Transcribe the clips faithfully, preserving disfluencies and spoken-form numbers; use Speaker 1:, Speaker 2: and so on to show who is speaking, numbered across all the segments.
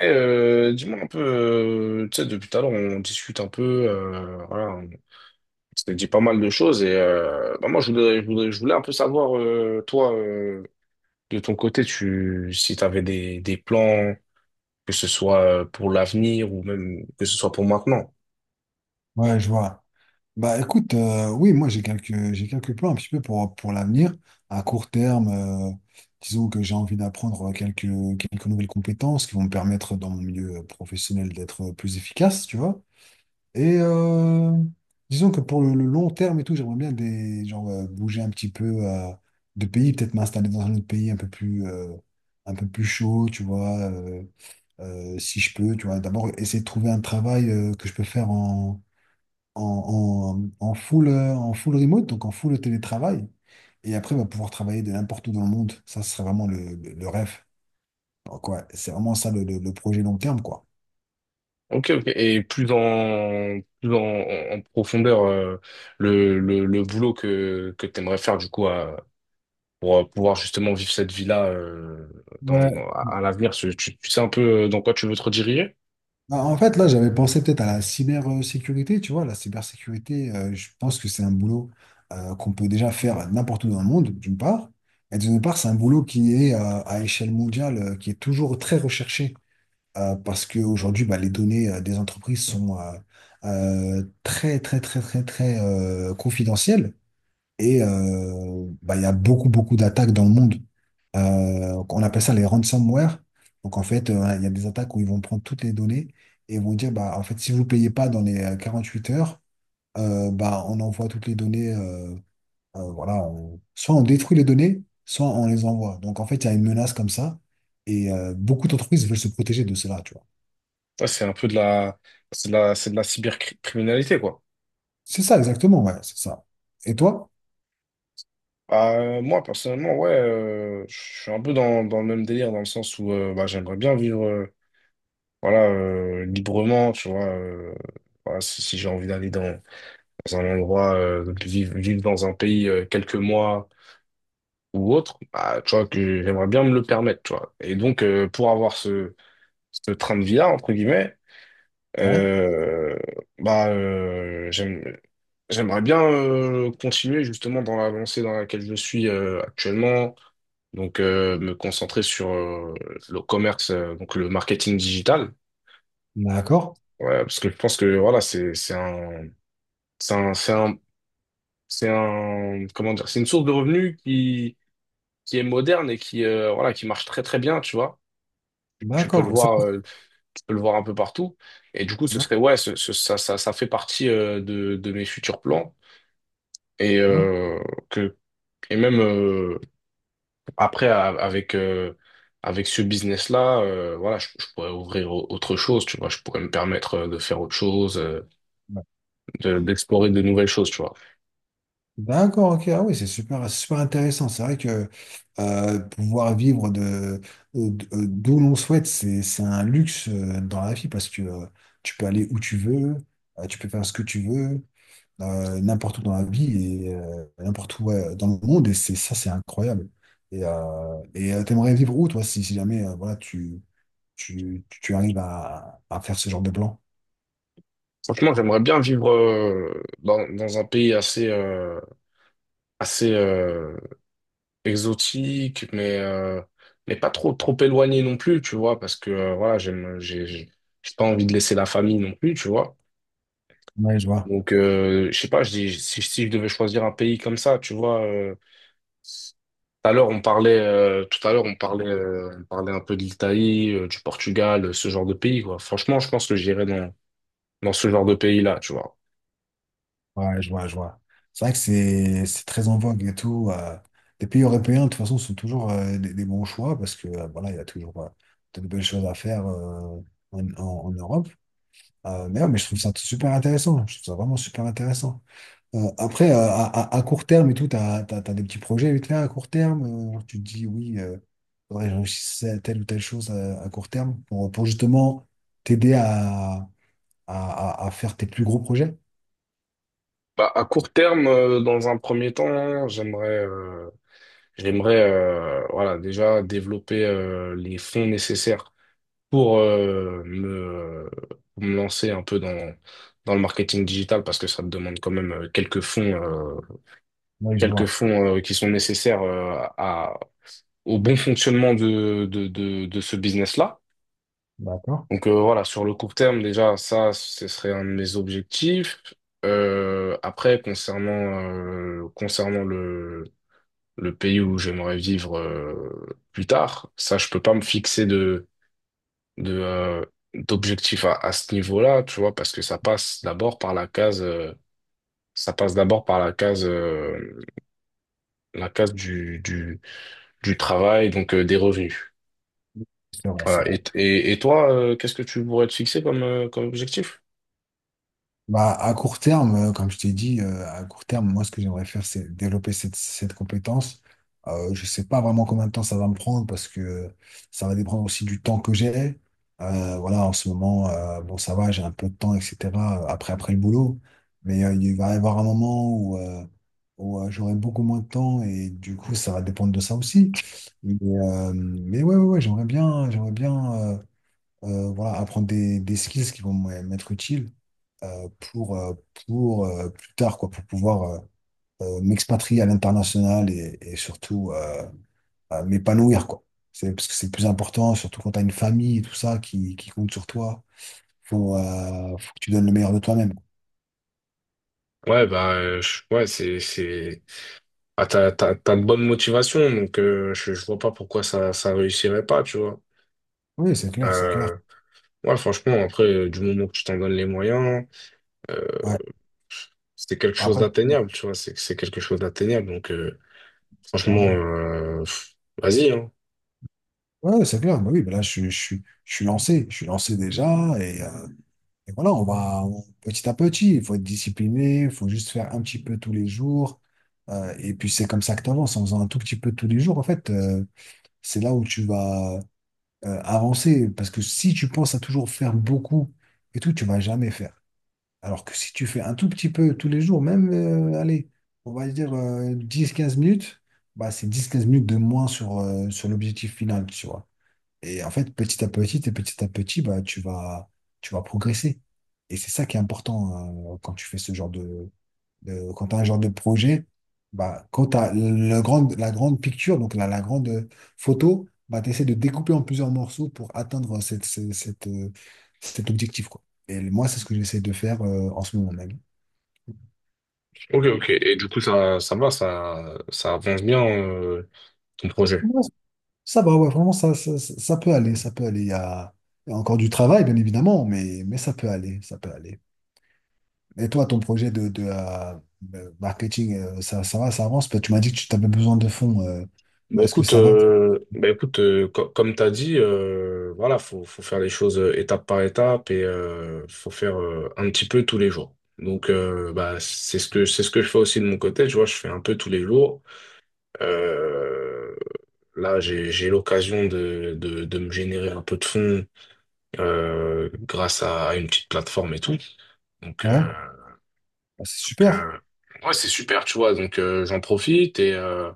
Speaker 1: Eh, euh, dis-moi un peu, euh, tu sais, depuis tout à l'heure, on discute un peu, euh, voilà, on s'est dit pas mal de choses et euh, bah, moi, je voulais, je voulais, je voulais un peu savoir, euh, toi, euh, de ton côté, tu, si tu avais des, des plans, que ce soit euh, pour l'avenir ou même que ce soit pour maintenant.
Speaker 2: Ouais, je vois. Bah écoute, euh, oui, moi j'ai quelques j'ai quelques plans un petit peu pour pour l'avenir. À court terme, euh, disons que j'ai envie d'apprendre quelques quelques nouvelles compétences qui vont me permettre dans mon milieu euh, professionnel d'être euh, plus efficace, tu vois. Et euh, disons que pour le, le long terme et tout, j'aimerais bien des genre euh, bouger un petit peu euh, de pays, peut-être m'installer dans un autre pays un peu plus euh, un peu plus chaud, tu vois. Euh, euh, si je peux, tu vois. D'abord essayer de trouver un travail euh, que je peux faire en, en, en full, euh, en full remote, donc en full télétravail. Et après, on va pouvoir travailler de n'importe où dans le monde. Ça, ce serait vraiment le, le- le rêve. Alors, quoi, c'est vraiment ça le, le- le projet long terme, quoi.
Speaker 1: Ok, ok. Et plus dans, plus dans, en, en profondeur, euh, le, le, le boulot que, que tu aimerais faire, du coup, pour euh, pouvoir justement vivre cette vie-là, euh, dans,
Speaker 2: Ouais.
Speaker 1: dans- à à l'avenir. Tu, tu- tu sais un peu euh, dans quoi tu veux te rediriger?
Speaker 2: Ah, En fait, là, j'avais pensé peut-être à la cybersécurité, tu vois, la cybersécurité, euh, je pense que c'est un boulot euh, qu'on peut déjà faire n'importe où dans le monde, d'une part, et d'une part, c'est un boulot qui est euh, à échelle mondiale, euh, qui est toujours très recherché. Euh, parce qu'aujourd'hui, bah, les données euh, des entreprises sont euh, euh, très, très, très, très, très euh, confidentielles. Et euh, bah, il y a beaucoup, beaucoup d'attaques dans le monde. Euh, on appelle ça les ransomware. Donc, en fait, euh, voilà, il y a des attaques où ils vont prendre toutes les données et vont dire, bah, en fait, si vous payez pas dans les euh, huit heures, euh, bah, on envoie toutes les données. Euh, euh, voilà, on- soit on détruit les données, soit on les envoie. Donc, en fait, il y a une menace comme ça. Et euh, beaucoup d'entreprises veulent se protéger de cela, tu vois.
Speaker 1: Ouais, c'est un peu de la, c'est de la, c'est de la cybercriminalité, quoi.
Speaker 2: C'est ça, exactement, ouais, c'est ça. Et toi?
Speaker 1: Euh, moi, personnellement, ouais, euh, je suis un peu dans, dans le même délire, dans le sens où euh, bah, j'aimerais bien vivre, euh, voilà, euh, librement, tu vois. Euh, voilà, si si j'ai envie d'aller dans, dans un endroit, euh, de vivre, vivre dans un pays euh, quelques mois ou autre, bah, tu vois, que j'aimerais bien me le permettre, tu vois. Et donc, euh, pour avoir ce, ce train de vie-là, entre guillemets,
Speaker 2: Ouais,
Speaker 1: euh, bah, euh, j'aime- j'aimerais bien euh, continuer justement dans la lancée dans laquelle je suis, euh, actuellement, donc euh, me concentrer sur euh, le commerce, euh, donc le marketing digital.
Speaker 2: d'accord,
Speaker 1: Ouais, parce que je pense que voilà, c'est c'est un, c'est un, c'est un, c'est un- comment dire, c'est une source de revenus qui qui est moderne et qui, euh, voilà, qui marche très très bien, tu vois. Tu peux le
Speaker 2: d'accord. Ça
Speaker 1: voir,
Speaker 2: coûte-
Speaker 1: euh, peut le voir un peu partout. Et du coup, ce
Speaker 2: non,
Speaker 1: serait, ouais, ce- ce- ça, ça, ça fait partie euh, de, de mes futurs plans. Et,
Speaker 2: ok,
Speaker 1: euh, que, et même, euh, après, a- avec, euh, avec ce business-là, euh, voilà, je, je pourrais ouvrir au- autre chose, tu vois. Je pourrais me permettre euh, de faire autre chose, euh,
Speaker 2: ouais.
Speaker 1: de- d'explorer de nouvelles choses, tu vois.
Speaker 2: D'accord, ok, ah oui, c'est super, c'est super intéressant. C'est vrai que euh, pouvoir vivre de, de- d'où l'on souhaite, c'est, c'est un luxe euh, dans la vie parce que euh, tu peux aller où tu veux, euh, tu peux faire ce que tu veux. Euh, n'importe où dans la vie et euh, n'importe où ouais, dans le monde. Et c'est ça, c'est incroyable. Et euh, et euh, t'aimerais vivre où, toi, si, si jamais euh, voilà, tu, tu, tu arrives à, à faire ce genre de plan?
Speaker 1: Franchement, j'aimerais bien vivre euh, dans, dans un pays assez, euh, assez euh, exotique, mais, euh, mais pas trop, trop éloigné non plus, tu vois, parce que euh, voilà, j'aime, j'ai, j'ai j'ai pas envie de laisser la famille non plus, tu vois.
Speaker 2: Ouais, je vois.
Speaker 1: Donc, euh, je sais pas, je dis, si, si je devais choisir un pays comme ça, tu vois, euh, tout à l'heure, on parlait, euh, tout à l'heure, on parlait, euh, on parlait un peu de l'Italie, euh, du Portugal, euh, ce genre de pays, quoi. Franchement, je pense que j'irais dans, dans ce genre de pays-là, tu vois.
Speaker 2: Ouais, je vois, je vois. C'est vrai que c'est c'est très en vogue et tout. euh. Les pays européens, de toute façon, sont toujours euh, des, des bons choix parce que euh, voilà, il y a toujours euh, de belles choses à faire euh, en, en- en Europe. Euh, mais, ouais, mais je trouve ça super intéressant. Je trouve ça vraiment super intéressant. Euh, après, euh, à, à- à court terme et tout, t'as, t'as, t'as des petits projets vite fait à court terme. Euh, genre tu te dis, oui, euh, faudrait que je réussisse à telle ou telle chose à, à court terme pour, pour justement t'aider à, à, à- à faire tes plus gros projets.
Speaker 1: Bah, à court terme, euh, dans un premier temps, j'aimerais, euh, j'aimerais, euh, voilà, déjà développer euh, les fonds nécessaires pour, euh, me, pour me lancer un peu dans, dans le marketing digital parce que ça me demande quand même euh, quelques fonds, euh,
Speaker 2: Oui, je
Speaker 1: quelques
Speaker 2: vois.
Speaker 1: fonds euh, qui sont nécessaires euh, à, au bon fonctionnement de, de, de, de ce business-là.
Speaker 2: D'accord.
Speaker 1: Donc euh, voilà, sur le court terme, déjà, ça, ce serait un de mes objectifs. Euh, après, concernant, euh, concernant le pays où j'aimerais vivre, euh, plus tard. Ça, je peux pas me fixer de de euh, d'objectif à, à ce niveau-là, tu vois, parce que ça passe d'abord par la case, euh, ça passe d'abord par la case euh, la case du du du travail, donc euh, des revenus.
Speaker 2: C'est vrai, c'est
Speaker 1: Voilà.
Speaker 2: vrai.
Speaker 1: Et et, et toi, euh, qu'est-ce que tu pourrais te fixer comme, euh, comme objectif?
Speaker 2: Bah, à court terme, euh, comme je t'ai dit, euh, à court terme, moi, ce que j'aimerais faire, c'est développer cette, cette compétence. Euh, je sais pas vraiment combien de temps ça va me prendre parce que euh, ça va dépendre aussi du temps que j'ai. Euh, voilà, en ce moment, euh, bon, ça va, j'ai un peu de temps, et cetera euh, Après, après le boulot. Mais euh, il va y avoir un moment où, euh, où, euh, j'aurai beaucoup moins de temps et du coup, ça va dépendre de ça aussi. Mais, euh, mais ouais, ouais, ouais, j'aimerais bien, j'aimerais bien. Euh, euh, voilà, apprendre des, des skills qui vont m- m'être utiles euh, pour, euh, pour euh, plus tard, quoi, pour pouvoir euh, euh, m'expatrier à l'international et, et surtout euh, euh, m'épanouir, quoi. C'est parce que c'est le plus important, surtout quand tu as une famille et tout ça qui, qui compte sur toi. Faut, euh, faut que tu donnes le meilleur de toi-même.
Speaker 1: Ouais, bah, euh, je- ouais, c'est, c'est, ah, t'as, t'as, t'as de bonnes motivations, donc euh, je, je vois pas pourquoi ça, ça réussirait pas, tu vois.
Speaker 2: Oui, c'est clair, c'est clair.
Speaker 1: Euh, Ouais, franchement, après, euh, du moment que tu t'en donnes les moyens, euh,
Speaker 2: Ouais.
Speaker 1: c'est quelque chose
Speaker 2: Après,
Speaker 1: d'atteignable, tu vois, c'est c'est quelque chose d'atteignable. Donc, euh, franchement,
Speaker 2: clairement.
Speaker 1: euh, pff, vas-y, hein.
Speaker 2: Ouais, ouais, c'est clair. Bah oui, bah là, je, suis- je, suis- je suis lancé. Je suis lancé déjà. Et, euh, Et voilà, on va on- petit à petit, il faut être discipliné, il faut juste faire un petit peu tous les jours. Euh, et puis c'est comme ça que tu avances, en faisant un tout petit peu tous les jours, en fait, euh, c'est là où tu vas euh, avancer. Parce que si tu penses à toujours faire beaucoup et tout, tu vas jamais faire. Alors que si tu fais un tout petit peu tous les jours, même, euh, allez, on va dire euh, dix quinze minutes, bah, c'est dix quinze minutes de moins sur, euh, sur l'objectif final, tu vois. Et en fait, petit à petit et petit à petit, bah, tu vas, tu vas progresser. Et c'est ça qui est important, hein, quand tu fais ce genre de, de- quand tu as un genre de projet, bah, quand tu as le grand, la grande picture, donc la, la grande photo, bah, tu essaies de découper en plusieurs morceaux pour atteindre cette, cette, cette, euh, cet objectif, quoi. Et moi, c'est ce que j'essaie de faire, euh, en ce moment même.
Speaker 1: Ok, ok. Et du coup, ça, ça va, ça, ça avance bien, euh, ton projet.
Speaker 2: Ouais, Ça va, ouais, vraiment, ça, ça, ça ça peut aller, ça peut aller. Il y a, il y a encore du travail, bien évidemment, mais, mais, ça peut aller, ça peut aller. Et toi, ton projet de, de, euh, de marketing, euh, ça, ça va, ça avance? Parce que Tu m'as dit que tu avais besoin de fonds. Euh, euh,
Speaker 1: Bah
Speaker 2: est-ce que
Speaker 1: écoute,
Speaker 2: ça va?
Speaker 1: euh, bah écoute, euh, co- comme t'as dit, euh, voilà, faut, faut faire les choses euh, étape par étape et euh, faut faire euh, un petit peu tous les jours. Donc, euh, bah c'est ce que c'est ce que je fais aussi de mon côté. Tu vois, je fais un peu tous les jours. Euh, Là, j'ai, j'ai l'occasion de, de, de me générer un peu de fonds, euh, grâce à une petite plateforme et tout. Donc,
Speaker 2: Ouais,
Speaker 1: euh,
Speaker 2: Bah, c'est
Speaker 1: donc,
Speaker 2: super.
Speaker 1: euh, ouais, c'est super, tu vois. Donc, euh, j'en profite et, euh,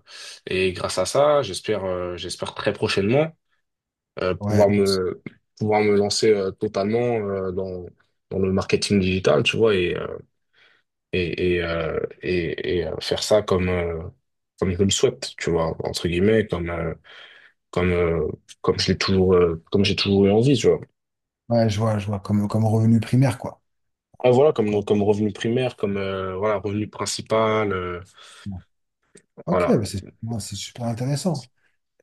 Speaker 1: et grâce à ça, j'espère, euh, j'espère très prochainement euh,
Speaker 2: Ouais,
Speaker 1: pouvoir me, pouvoir me lancer euh, totalement, euh, dans, dans le marketing digital, tu vois, et, euh, et, et, euh, et, et, euh, faire ça comme, euh, comme je le souhaite, tu vois, entre guillemets, comme, euh, comme euh, comme je l'ai toujours euh, comme j'ai toujours eu envie, tu vois.
Speaker 2: ouais, je vois, je vois, comme, comme revenu primaire, quoi.
Speaker 1: Ah, voilà,
Speaker 2: Quoi.
Speaker 1: comme comme revenu primaire, comme, euh, voilà, revenu principal, euh,
Speaker 2: Ouais. Ok,
Speaker 1: voilà.
Speaker 2: bah, c'est ouais, c'est super intéressant.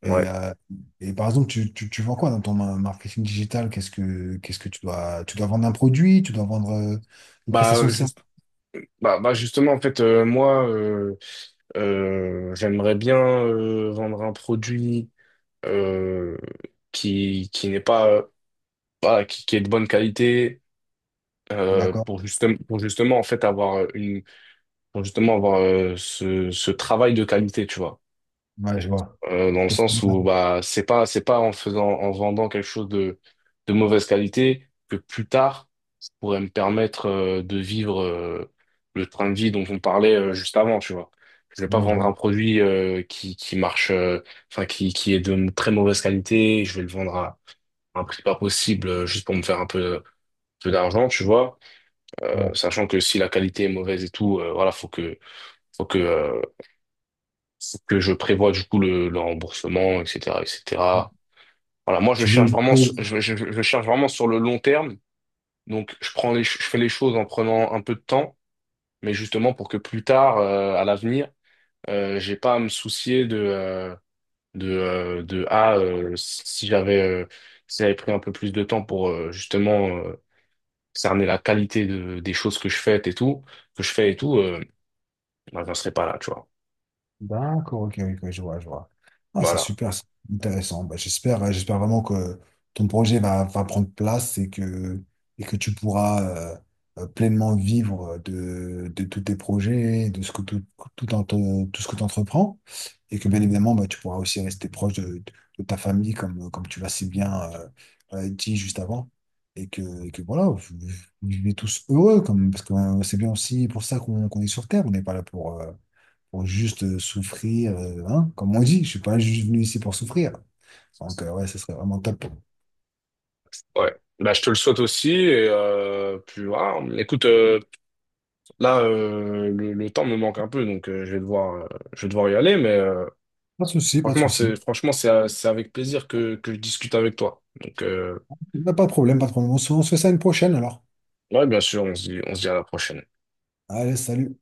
Speaker 2: Et,
Speaker 1: Ouais.
Speaker 2: euh, et par exemple, tu, tu, tu vends quoi dans ton ma- marketing digital? Qu'est-ce que qu'est-ce que tu dois tu dois vendre un produit, tu dois vendre euh, une prestation
Speaker 1: Bah
Speaker 2: de service.
Speaker 1: juste bah, bah justement en fait, euh, moi euh, euh, j'aimerais bien euh, vendre un produit euh, qui qui n'est pas, euh, voilà, qui, qui est de bonne qualité. Euh,
Speaker 2: D'accord.
Speaker 1: pour justement pour justement en fait avoir une, pour justement avoir euh, ce ce travail de qualité, tu vois,
Speaker 2: Ouais, je vois.
Speaker 1: euh, dans le
Speaker 2: Te faire-
Speaker 1: sens où bah c'est pas c'est pas en faisant, en vendant quelque chose de de mauvaise qualité que plus tard ça pourrait me permettre euh, de vivre euh, le train de vie dont on parlait euh, juste avant, tu vois. Je vais pas
Speaker 2: Ouais, je
Speaker 1: vendre
Speaker 2: vois.
Speaker 1: un produit euh, qui qui marche, euh, enfin qui qui est de très mauvaise qualité, je vais le vendre à un prix pas possible, euh, juste pour me faire un peu peu d'argent, tu vois. Euh,
Speaker 2: Ouais.
Speaker 1: sachant que si la qualité est mauvaise et tout, euh, voilà, faut que faut que euh, faut que je prévoie du coup le, le remboursement, etc, etc. Voilà, moi je
Speaker 2: Tu
Speaker 1: cherche
Speaker 2: veux
Speaker 1: vraiment, sur- je, je- je cherche vraiment sur le long terme. Donc je prends les, ch- je fais les choses en prenant un peu de temps, mais justement pour que plus tard, euh, à l'avenir, euh, j'ai pas à me soucier de, euh, de, euh, de ah euh, si j'avais, euh, si j'avais pris un peu plus de temps pour, euh, justement euh, cerner la qualité de, des choses que je fais et tout, que je fais et tout, euh, bah, j'en serais pas là, tu vois.
Speaker 2: D'accord, ok, ok, je vois, je vois. Ah, c'est
Speaker 1: Voilà.
Speaker 2: super, c'est intéressant. Bah, j'espère, euh, j'espère vraiment que ton projet va, va prendre place et que, et que tu pourras euh, euh, pleinement vivre de, de tous tes projets, de ce que tout, tout, en ton- tout ce que tu entreprends. Et que bien évidemment, bah, tu pourras aussi rester proche de, de- de ta famille, comme, comme tu l'as si bien euh, euh, dit juste avant. Et que, et que voilà, vous, vous vivez tous heureux, comme, parce que euh, c'est bien aussi pour ça qu'on qu'on est sur Terre. On n'est pas là pour. euh, pour juste euh, souffrir, euh, hein, comme on dit, je suis pas juste venu ici pour souffrir. Donc, euh, ouais, ce serait vraiment top.
Speaker 1: Ouais. Bah, je te le souhaite aussi et euh, puis voilà. Écoute, là, euh, le, le temps me manque un peu, donc euh, je vais devoir, euh, je vais devoir y aller, mais euh,
Speaker 2: Pas de souci, pas de
Speaker 1: franchement, c'est,
Speaker 2: souci.
Speaker 1: franchement, c'est, euh, c'est avec plaisir que, que je discute avec toi. Donc, euh,
Speaker 2: Bah, Pas de problème, pas de problème. On se on se fait ça une prochaine alors.
Speaker 1: ouais, bien sûr, on se dit, on se dit à la prochaine.
Speaker 2: Allez, salut.